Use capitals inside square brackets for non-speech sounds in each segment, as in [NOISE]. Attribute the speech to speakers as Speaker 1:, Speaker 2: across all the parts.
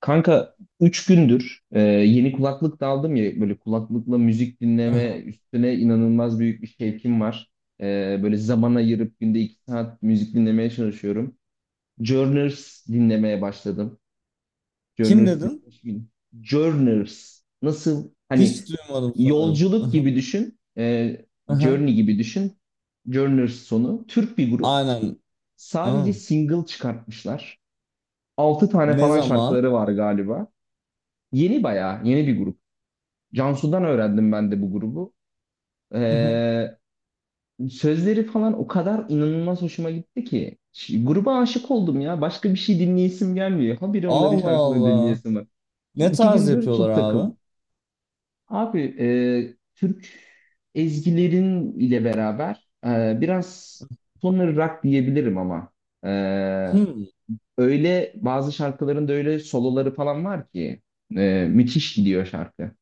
Speaker 1: Kanka 3 gündür yeni kulaklık da aldım ya, böyle kulaklıkla müzik dinleme
Speaker 2: Aha.
Speaker 1: üstüne inanılmaz büyük bir şevkim var. Böyle zaman ayırıp günde 2 saat müzik dinlemeye çalışıyorum. Journers dinlemeye başladım.
Speaker 2: Kim
Speaker 1: Journers
Speaker 2: dedin?
Speaker 1: dinlemiş miyim? Journers nasıl, hani
Speaker 2: Hiç duymadım sanırım.
Speaker 1: yolculuk
Speaker 2: Aha.
Speaker 1: gibi düşün.
Speaker 2: Aha.
Speaker 1: Journey gibi düşün. Journers sonu. Türk bir grup.
Speaker 2: Aynen.
Speaker 1: Sadece
Speaker 2: Aa.
Speaker 1: single çıkartmışlar. Altı tane
Speaker 2: Ne
Speaker 1: falan
Speaker 2: zaman?
Speaker 1: şarkıları var galiba. Yeni, bayağı yeni bir grup. Cansu'dan öğrendim ben de bu grubu.
Speaker 2: Aha.
Speaker 1: Ee, Sözleri falan o kadar inanılmaz hoşuma gitti ki. Gruba aşık oldum ya. Başka bir şey dinleyesim gelmiyor. Habire onların
Speaker 2: Allah
Speaker 1: şarkılarını
Speaker 2: Allah.
Speaker 1: dinleyesim var.
Speaker 2: Ne
Speaker 1: İki
Speaker 2: tarz
Speaker 1: gündür
Speaker 2: yapıyorlar
Speaker 1: çok
Speaker 2: abi?
Speaker 1: takıldım. Abi Türk ezgilerin ile beraber biraz sonları rock diyebilirim ama e,
Speaker 2: Hmm.
Speaker 1: öyle bazı şarkıların da öyle soloları falan var ki müthiş gidiyor şarkı.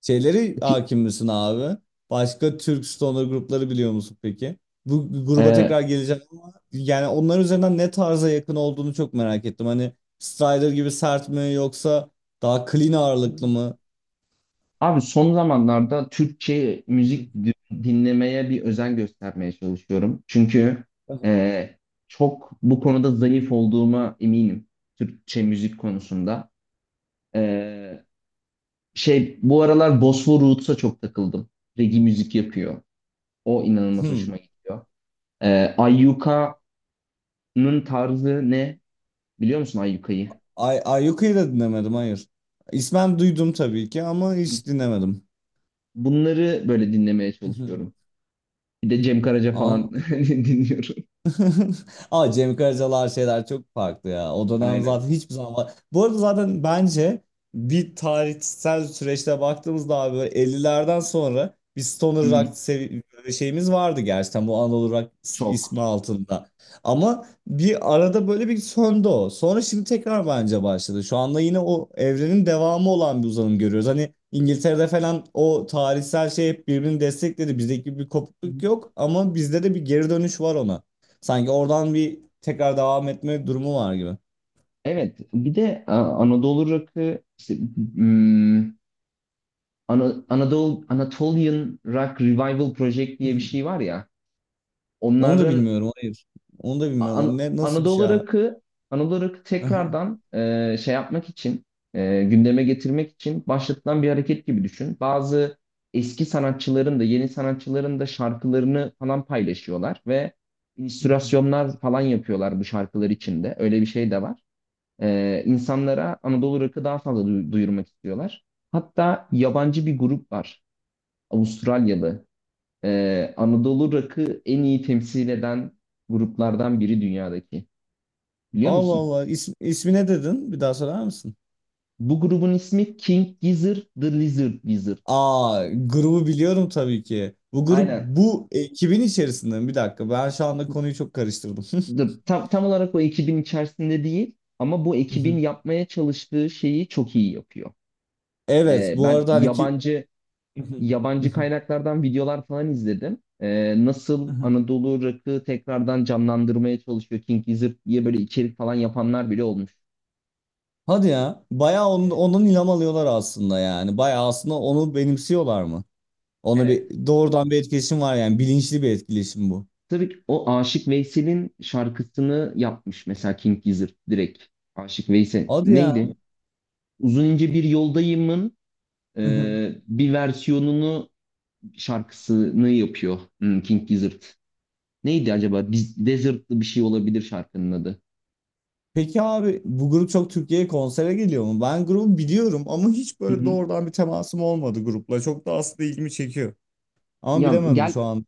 Speaker 2: Şeyleri
Speaker 1: Ki-
Speaker 2: hakim misin abi? Başka Türk stoner grupları biliyor musun peki? Bu gruba
Speaker 1: E,
Speaker 2: tekrar geleceğim ama yani onlar üzerinden ne tarza yakın olduğunu çok merak ettim. Hani Strider gibi sert mi yoksa daha clean ağırlıklı mı?
Speaker 1: Abi son zamanlarda Türkçe
Speaker 2: Hı.
Speaker 1: müzik dinlemeye bir özen göstermeye çalışıyorum. Çünkü e, çok bu konuda zayıf olduğuma eminim, Türkçe müzik konusunda. E, Şey, bu aralar Bosfor Roots'a çok takıldım. Reggae müzik yapıyor. O inanılmaz
Speaker 2: Hmm.
Speaker 1: hoşuma gidiyor. E, Ayyuka'nın tarzı ne? Biliyor musun Ayyuka'yı?
Speaker 2: Ayyuka'yı da dinlemedim, hayır. İsmen duydum tabii ki ama hiç dinlemedim.
Speaker 1: Bunları böyle dinlemeye çalışıyorum. Bir de Cem Karaca falan
Speaker 2: [LAUGHS]
Speaker 1: [LAUGHS] dinliyorum.
Speaker 2: [LAUGHS] Ama Cem Karacalar şeyler çok farklı ya. O dönem
Speaker 1: Aynen.
Speaker 2: zaten hiçbir zaman var. Bu arada zaten bence bir tarihsel süreçte baktığımızda abi böyle 50'lerden sonra bir stoner
Speaker 1: Hı hı.
Speaker 2: rock böyle şeyimiz vardı gerçekten, bu Anadolu Rock
Speaker 1: Çok.
Speaker 2: ismi altında. Ama bir arada böyle bir söndü o. Sonra şimdi tekrar bence başladı. Şu anda yine o evrenin devamı olan bir uzanım görüyoruz. Hani İngiltere'de falan o tarihsel şey hep birbirini destekledi. Bizdeki bir kopukluk yok ama bizde de bir geri dönüş var ona. Sanki oradan bir tekrar devam etme durumu var gibi.
Speaker 1: Evet, bir de Anadolu rock'ı işte, hmm, Anadolu Anatolian Rock Revival Project diye bir şey
Speaker 2: [LAUGHS]
Speaker 1: var ya.
Speaker 2: Onu da
Speaker 1: Onların
Speaker 2: bilmiyorum, hayır. Onu da bilmiyorum. O ne, nasıl bir şey
Speaker 1: Anadolu
Speaker 2: ya?
Speaker 1: rock'ı Anadolu rock'ı
Speaker 2: Aha.
Speaker 1: tekrardan şey yapmak için gündeme getirmek için başlatılan bir hareket gibi düşün. Bazı eski sanatçıların da yeni sanatçıların da şarkılarını falan paylaşıyorlar ve
Speaker 2: [LAUGHS]
Speaker 1: illüstrasyonlar falan yapıyorlar bu şarkılar içinde. Öyle bir şey de var. İnsanlara Anadolu rock'ı daha fazla duyurmak istiyorlar. Hatta yabancı bir grup var. Avustralyalı. Anadolu rock'ı en iyi temsil eden gruplardan biri dünyadaki. Biliyor
Speaker 2: Allah
Speaker 1: musun?
Speaker 2: Allah. İsm, ismi ne dedin? Bir daha söyler misin?
Speaker 1: Bu grubun ismi King Gizzard The Lizard Wizard.
Speaker 2: Aa, grubu biliyorum tabii ki. Bu grup
Speaker 1: Aynen.
Speaker 2: bu ekibin içerisinde mi? Bir dakika. Ben şu anda konuyu çok karıştırdım. [LAUGHS]
Speaker 1: Dur, tam olarak o ekibin içerisinde değil ama bu ekibin yapmaya çalıştığı şeyi çok iyi yapıyor.
Speaker 2: Evet, bu
Speaker 1: Ben
Speaker 2: arada hani ki
Speaker 1: yabancı
Speaker 2: [LAUGHS]
Speaker 1: yabancı kaynaklardan videolar falan izledim. Nasıl Anadolu rock'ı tekrardan canlandırmaya çalışıyor King Gizzard diye böyle içerik falan yapanlar bile olmuş.
Speaker 2: Hadi ya. Bayağı
Speaker 1: Evet.
Speaker 2: ondan ilham alıyorlar aslında yani. Bayağı aslında onu benimsiyorlar mı? Ona
Speaker 1: Evet.
Speaker 2: bir doğrudan bir etkileşim var yani, bilinçli bir etkileşim bu.
Speaker 1: Tabii ki o Aşık Veysel'in şarkısını yapmış mesela King Gizzard direkt. Aşık Veysel.
Speaker 2: Hadi ya.
Speaker 1: Neydi? Uzun ince bir Yoldayım'ın
Speaker 2: [LAUGHS]
Speaker 1: bir versiyonunu şarkısını yapıyor, King Gizzard. Neydi acaba? Biz, Desert'lı bir şey olabilir şarkının adı.
Speaker 2: Peki abi, bu grup çok Türkiye'ye konsere geliyor mu? Ben grubu biliyorum ama hiç
Speaker 1: Hı
Speaker 2: böyle
Speaker 1: hı.
Speaker 2: doğrudan bir temasım olmadı grupla. Çok da aslında ilgimi çekiyor. Ama
Speaker 1: Ya
Speaker 2: bilemedim
Speaker 1: gel
Speaker 2: şu an.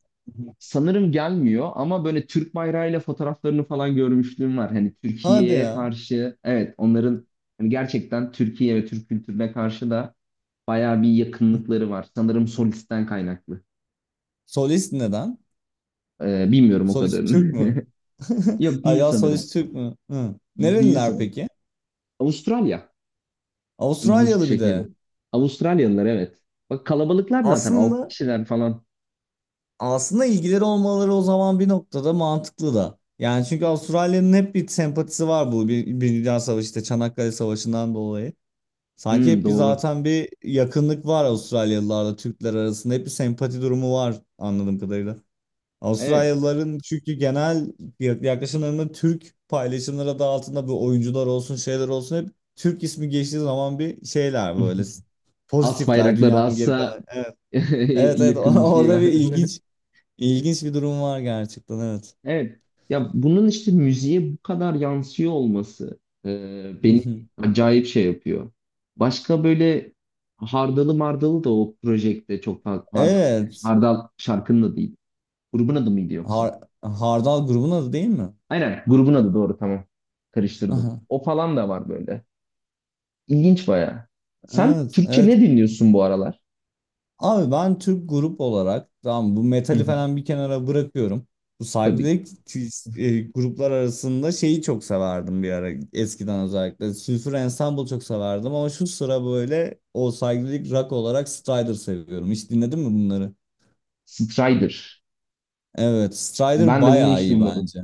Speaker 1: Sanırım gelmiyor ama böyle Türk bayrağıyla fotoğraflarını falan görmüşlüğüm var. Hani
Speaker 2: Hadi
Speaker 1: Türkiye'ye
Speaker 2: ya.
Speaker 1: karşı, evet, onların hani gerçekten Türkiye ve Türk kültürüne karşı da bayağı bir yakınlıkları var. Sanırım solisten kaynaklı.
Speaker 2: Solist neden?
Speaker 1: Bilmiyorum o
Speaker 2: Solist Türk
Speaker 1: kadarını.
Speaker 2: mü?
Speaker 1: [LAUGHS]
Speaker 2: [LAUGHS]
Speaker 1: Yok,
Speaker 2: Ay
Speaker 1: değil
Speaker 2: ya,
Speaker 1: sanırım.
Speaker 2: solist Türk mü? Hı.
Speaker 1: Değil
Speaker 2: Nereliler
Speaker 1: sanırım.
Speaker 2: peki?
Speaker 1: Avustralya. İlginç bir
Speaker 2: Avustralyalı bir de.
Speaker 1: şekilde. Avustralyalılar, evet. Bak kalabalıklar zaten, altı
Speaker 2: Aslında
Speaker 1: kişiler falan.
Speaker 2: Aslında ilgileri olmaları o zaman bir noktada mantıklı da. Yani çünkü Avustralya'nın hep bir sempatisi var, bu bir Dünya Savaşı, işte Çanakkale Savaşı'ndan dolayı. Sanki
Speaker 1: Hmm,
Speaker 2: hep bir
Speaker 1: doğru.
Speaker 2: zaten bir yakınlık var Avustralyalılarla Türkler arasında, hep bir sempati durumu var anladığım kadarıyla.
Speaker 1: Evet.
Speaker 2: Avustralyalıların çünkü genel yaklaşımlarında Türk paylaşımları adı altında, bu oyuncular olsun şeyler olsun, hep Türk ismi geçtiği zaman bir şeyler böyle
Speaker 1: [LAUGHS] As
Speaker 2: pozitifler,
Speaker 1: bayrakları
Speaker 2: dünyanın geri
Speaker 1: assa
Speaker 2: kalanı. Evet.
Speaker 1: [LAUGHS]
Speaker 2: Evet, evet, [LAUGHS]
Speaker 1: yakın bir şey
Speaker 2: orada
Speaker 1: var.
Speaker 2: bir
Speaker 1: [LAUGHS]
Speaker 2: ilginç, İlginç bir durum var gerçekten, evet.
Speaker 1: Evet. Ya bunun işte müziğe bu kadar yansıyor olması beni
Speaker 2: Mhm.
Speaker 1: acayip şey yapıyor. Başka böyle Hardalı Mardalı da o projekte çok fazla, Hardal, da ya,
Speaker 2: Evet.
Speaker 1: Hardal şarkının adı değil. Grubun adı mıydı yoksa?
Speaker 2: Hardal grubun adı değil mi?
Speaker 1: Aynen, grubun adı, doğru, tamam. Karıştırdım.
Speaker 2: Aha.
Speaker 1: O falan da var böyle. İlginç baya. Sen
Speaker 2: Evet,
Speaker 1: Türkçe
Speaker 2: evet.
Speaker 1: ne dinliyorsun bu aralar?
Speaker 2: Abi ben Türk grup olarak, tamam bu
Speaker 1: Hı
Speaker 2: metali
Speaker 1: hı.
Speaker 2: falan bir kenara bırakıyorum. Bu
Speaker 1: Tabii.
Speaker 2: saygıdeğer gruplar arasında şeyi çok severdim bir ara, eskiden özellikle. Sülfür Ensemble çok severdim ama şu sıra böyle o saygıdeğer rock olarak Strider seviyorum. Hiç dinledin mi bunları?
Speaker 1: Strider.
Speaker 2: Evet, Strider
Speaker 1: Ben de bunu
Speaker 2: bayağı
Speaker 1: hiç
Speaker 2: iyi
Speaker 1: duymadım.
Speaker 2: bence.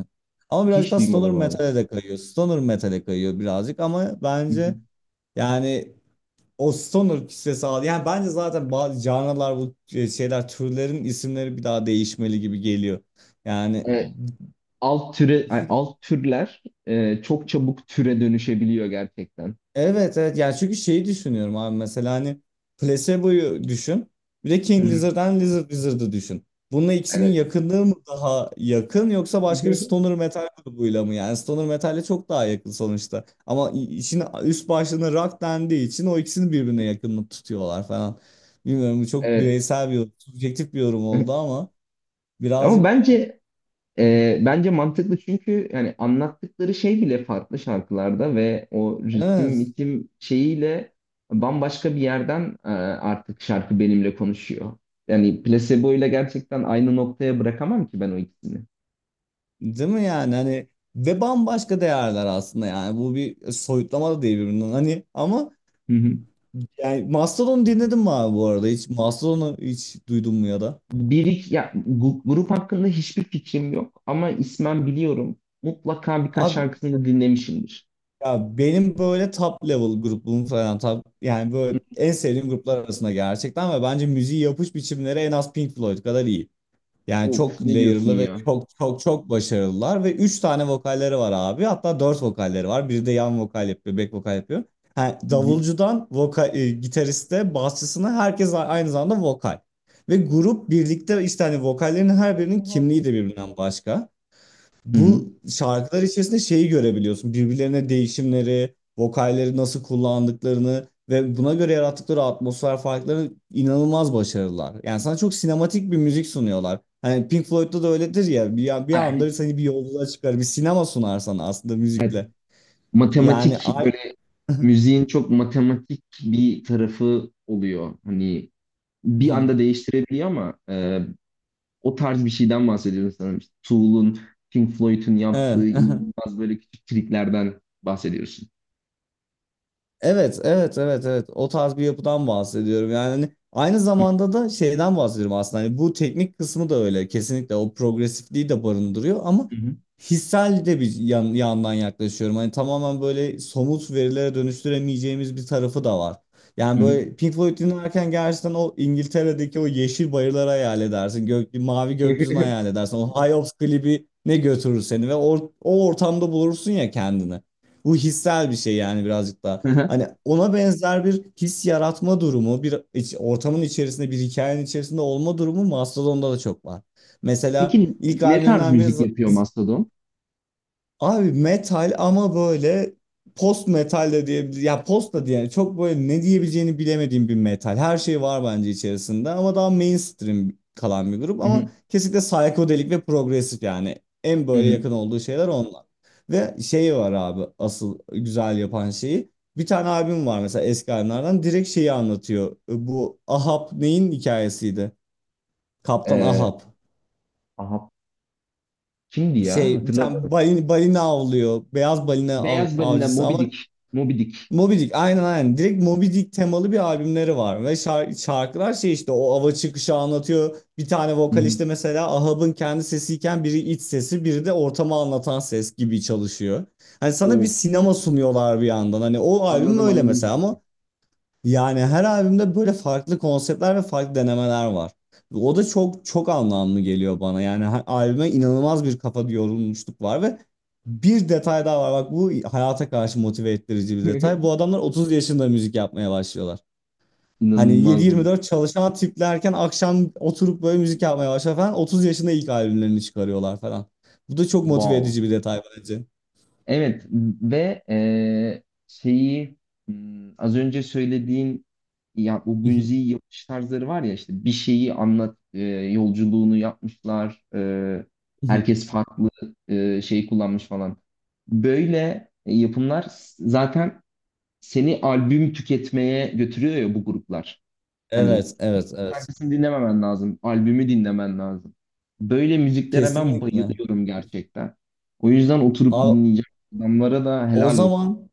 Speaker 2: Ama birazcık
Speaker 1: Hiç
Speaker 2: daha Stoner
Speaker 1: duymadım abi.
Speaker 2: Metal'e de kayıyor. Stoner Metal'e kayıyor birazcık ama
Speaker 1: Hı
Speaker 2: bence yani o Stoner kisvesi aldı. Yani bence zaten bazı canlılar, bu şeyler, türlerin isimleri bir daha değişmeli gibi geliyor. Yani
Speaker 1: hı. Alt türe alt türler çok çabuk türe dönüşebiliyor gerçekten.
Speaker 2: evet, evet yani çünkü şeyi düşünüyorum abi, mesela hani Placebo'yu düşün, bir de
Speaker 1: Hı
Speaker 2: King
Speaker 1: hı.
Speaker 2: Lizard'dan Lizard Wizard'ı düşün. Bununla ikisinin
Speaker 1: Evet.
Speaker 2: yakınlığı mı daha yakın, yoksa başka bir
Speaker 1: [LAUGHS]
Speaker 2: stoner metal grubuyla mı? Yani stoner metale çok daha yakın sonuçta. Ama işin üst başlığına rock dendiği için o ikisini birbirine yakınlık tutuyorlar falan. Bilmiyorum, bu çok
Speaker 1: Evet.
Speaker 2: bireysel bir yorum, subjektif bir yorum oldu
Speaker 1: [LAUGHS]
Speaker 2: ama
Speaker 1: Ama
Speaker 2: birazcık,
Speaker 1: bence bence mantıklı, çünkü yani anlattıkları şey bile farklı şarkılarda ve o ritim
Speaker 2: evet,
Speaker 1: ritim şeyiyle bambaşka bir yerden artık şarkı benimle konuşuyor. Yani Placebo ile gerçekten aynı noktaya bırakamam ki ben o ikisini.
Speaker 2: değil mi yani hani, ve bambaşka değerler aslında yani, bu bir soyutlama da değil birbirinden hani, ama
Speaker 1: [LAUGHS]
Speaker 2: yani Mastodon'u dinledin mi abi bu arada? Hiç Mastodon'u hiç duydun mu, ya da?
Speaker 1: Bir iki, ya, grup hakkında hiçbir fikrim yok ama ismen biliyorum. Mutlaka birkaç
Speaker 2: Abi
Speaker 1: şarkısını da dinlemişimdir.
Speaker 2: ya, benim böyle top level grubum falan, yani
Speaker 1: Hı.
Speaker 2: böyle en sevdiğim gruplar arasında gerçekten, ve bence müziği yapış biçimleri en az Pink Floyd kadar iyi. Yani
Speaker 1: Of,
Speaker 2: çok
Speaker 1: ne diyorsun
Speaker 2: layer'lı ve
Speaker 1: ya?
Speaker 2: çok çok çok başarılılar, ve 3 tane vokalleri var abi. Hatta 4 vokalleri var. Biri de yan vokal yapıyor, back vokal yapıyor. Ha,
Speaker 1: Hı hı.
Speaker 2: davulcudan vokal, gitariste, basçısına herkes aynı zamanda vokal. Ve grup birlikte, işte hani vokallerin her birinin kimliği de birbirinden başka.
Speaker 1: Hı hı.
Speaker 2: Bu şarkılar içerisinde şeyi görebiliyorsun. Birbirlerine değişimleri, vokalleri nasıl kullandıklarını ve buna göre yarattıkları atmosfer farkları, inanılmaz başarılılar. Yani sana çok sinematik bir müzik sunuyorlar. Hani Pink Floyd'da da öyledir ya. Bir
Speaker 1: Ha,
Speaker 2: anda seni bir yolculuğa çıkar. Bir sinema sunar sana aslında
Speaker 1: evet.
Speaker 2: müzikle. Yani
Speaker 1: Matematik,
Speaker 2: ay...
Speaker 1: böyle müziğin çok matematik bir tarafı oluyor. Hani bir anda
Speaker 2: [LAUGHS]
Speaker 1: değiştirebiliyor ama o tarz bir şeyden bahsediyorum sanırım. İşte Tool'un, Pink Floyd'un yaptığı
Speaker 2: Evet. [LAUGHS]
Speaker 1: inanılmaz böyle küçük triklerden bahsediyorsun.
Speaker 2: Evet, evet, evet, evet. O tarz bir yapıdan bahsediyorum. Yani hani aynı zamanda da şeyden bahsediyorum aslında. Hani bu teknik kısmı da öyle. Kesinlikle o progresifliği de barındırıyor ama
Speaker 1: Hı hı.
Speaker 2: hissel de bir yandan yaklaşıyorum. Hani tamamen böyle somut verilere dönüştüremeyeceğimiz bir tarafı da var. Yani böyle Pink Floyd dinlerken gerçekten o İngiltere'deki o yeşil bayırları hayal edersin. Mavi gökyüzünü
Speaker 1: Hı
Speaker 2: hayal edersin. O High Hopes klibi ne götürür seni ve o ortamda bulursun ya kendini. Bu hissel bir şey yani, birazcık da.
Speaker 1: hı. [LAUGHS]
Speaker 2: Hani ona benzer bir his yaratma durumu, bir ortamın içerisinde, bir hikayenin içerisinde olma durumu Mastodon'da da çok var. Mesela
Speaker 1: Peki
Speaker 2: ilk
Speaker 1: ne tarz
Speaker 2: albümlerinden biri,
Speaker 1: müzik yapıyor Mastodon?
Speaker 2: abi metal ama böyle post metal de diyebilir. Ya post da, yani çok böyle ne diyebileceğini bilemediğim bir metal. Her şey var bence içerisinde, ama daha mainstream kalan bir grup,
Speaker 1: Hı hı,
Speaker 2: ama kesinlikle psychedelic ve progresif yani. En
Speaker 1: hı
Speaker 2: böyle
Speaker 1: hı.
Speaker 2: yakın olduğu şeyler onlar. Ve şey var abi, asıl güzel yapan şeyi. Bir tane albüm var mesela, eski albümlerden, direkt şeyi anlatıyor. Bu Ahab neyin hikayesiydi? Kaptan
Speaker 1: Ee,
Speaker 2: Ahab.
Speaker 1: aha, kimdi ya?
Speaker 2: Şey, bir
Speaker 1: Hatırlamıyorum.
Speaker 2: tane balina avlıyor. Beyaz balina
Speaker 1: Beyaz Balina,
Speaker 2: avcısı
Speaker 1: Moby
Speaker 2: ama
Speaker 1: Dick. Moby Dick.
Speaker 2: Moby Dick, aynen, aynen. Direkt Moby Dick temalı bir albümleri var, ve şarkılar, şey işte o ava çıkışı anlatıyor. Bir tane
Speaker 1: Hı
Speaker 2: vokal
Speaker 1: hı.
Speaker 2: işte, mesela Ahab'ın kendi sesiyken, biri iç sesi, biri de ortamı anlatan ses gibi çalışıyor. Hani sana bir
Speaker 1: Of,
Speaker 2: sinema sunuyorlar bir yandan. Hani o albüm
Speaker 1: anladım,
Speaker 2: öyle
Speaker 1: anladım
Speaker 2: mesela,
Speaker 1: şimdi.
Speaker 2: ama yani her albümde böyle farklı konseptler ve farklı denemeler var. O da çok çok anlamlı geliyor bana. Yani her albüme inanılmaz bir kafa yorulmuşluk var, ve bir detay daha var. Bak, bu hayata karşı motive ettirici bir detay. Bu
Speaker 1: [LAUGHS]
Speaker 2: adamlar 30 yaşında müzik yapmaya başlıyorlar. Hani
Speaker 1: İnanılmaz.
Speaker 2: 7-24 çalışan tiplerken, akşam oturup böyle müzik yapmaya başlıyor falan. 30 yaşında ilk albümlerini çıkarıyorlar falan. Bu da çok motive
Speaker 1: Wow.
Speaker 2: edici bir detay bence.
Speaker 1: Evet ve şeyi, az önce söylediğin, ya bu müziği yapış tarzları var ya, işte bir şeyi anlat, yolculuğunu yapmışlar, herkes
Speaker 2: [LAUGHS]
Speaker 1: farklı şey kullanmış falan. Böyle yapımlar zaten seni albüm tüketmeye götürüyor ya bu gruplar. Hani
Speaker 2: Evet, evet, evet.
Speaker 1: şarkısını dinlememen lazım. Albümü dinlemen lazım. Böyle müziklere ben
Speaker 2: Kesinlikle.
Speaker 1: bayılıyorum gerçekten. O yüzden oturup
Speaker 2: A-
Speaker 1: dinleyeceğim. Adamlara da
Speaker 2: O
Speaker 1: helal olsun.
Speaker 2: zaman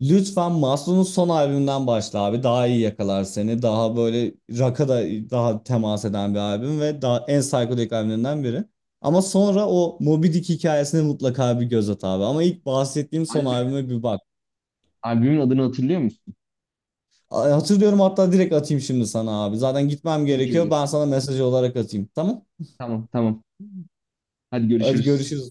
Speaker 2: lütfen Maslow'un son albümünden başla abi. Daha iyi yakalar seni. Daha böyle rock'a da daha temas eden bir albüm, ve daha en psikodelik albümlerinden biri. Ama sonra o Moby Dick hikayesine mutlaka bir göz at abi. Ama ilk bahsettiğim son
Speaker 1: Albüm,
Speaker 2: albüme bir bak.
Speaker 1: Albümün adını hatırlıyor musun?
Speaker 2: Hatırlıyorum, hatta direkt atayım şimdi sana abi. Zaten gitmem
Speaker 1: Çok iyi
Speaker 2: gerekiyor.
Speaker 1: olur.
Speaker 2: Ben sana mesaj olarak atayım. Tamam?
Speaker 1: Tamam, tamam. Hadi
Speaker 2: Hadi
Speaker 1: görüşürüz.
Speaker 2: görüşürüz.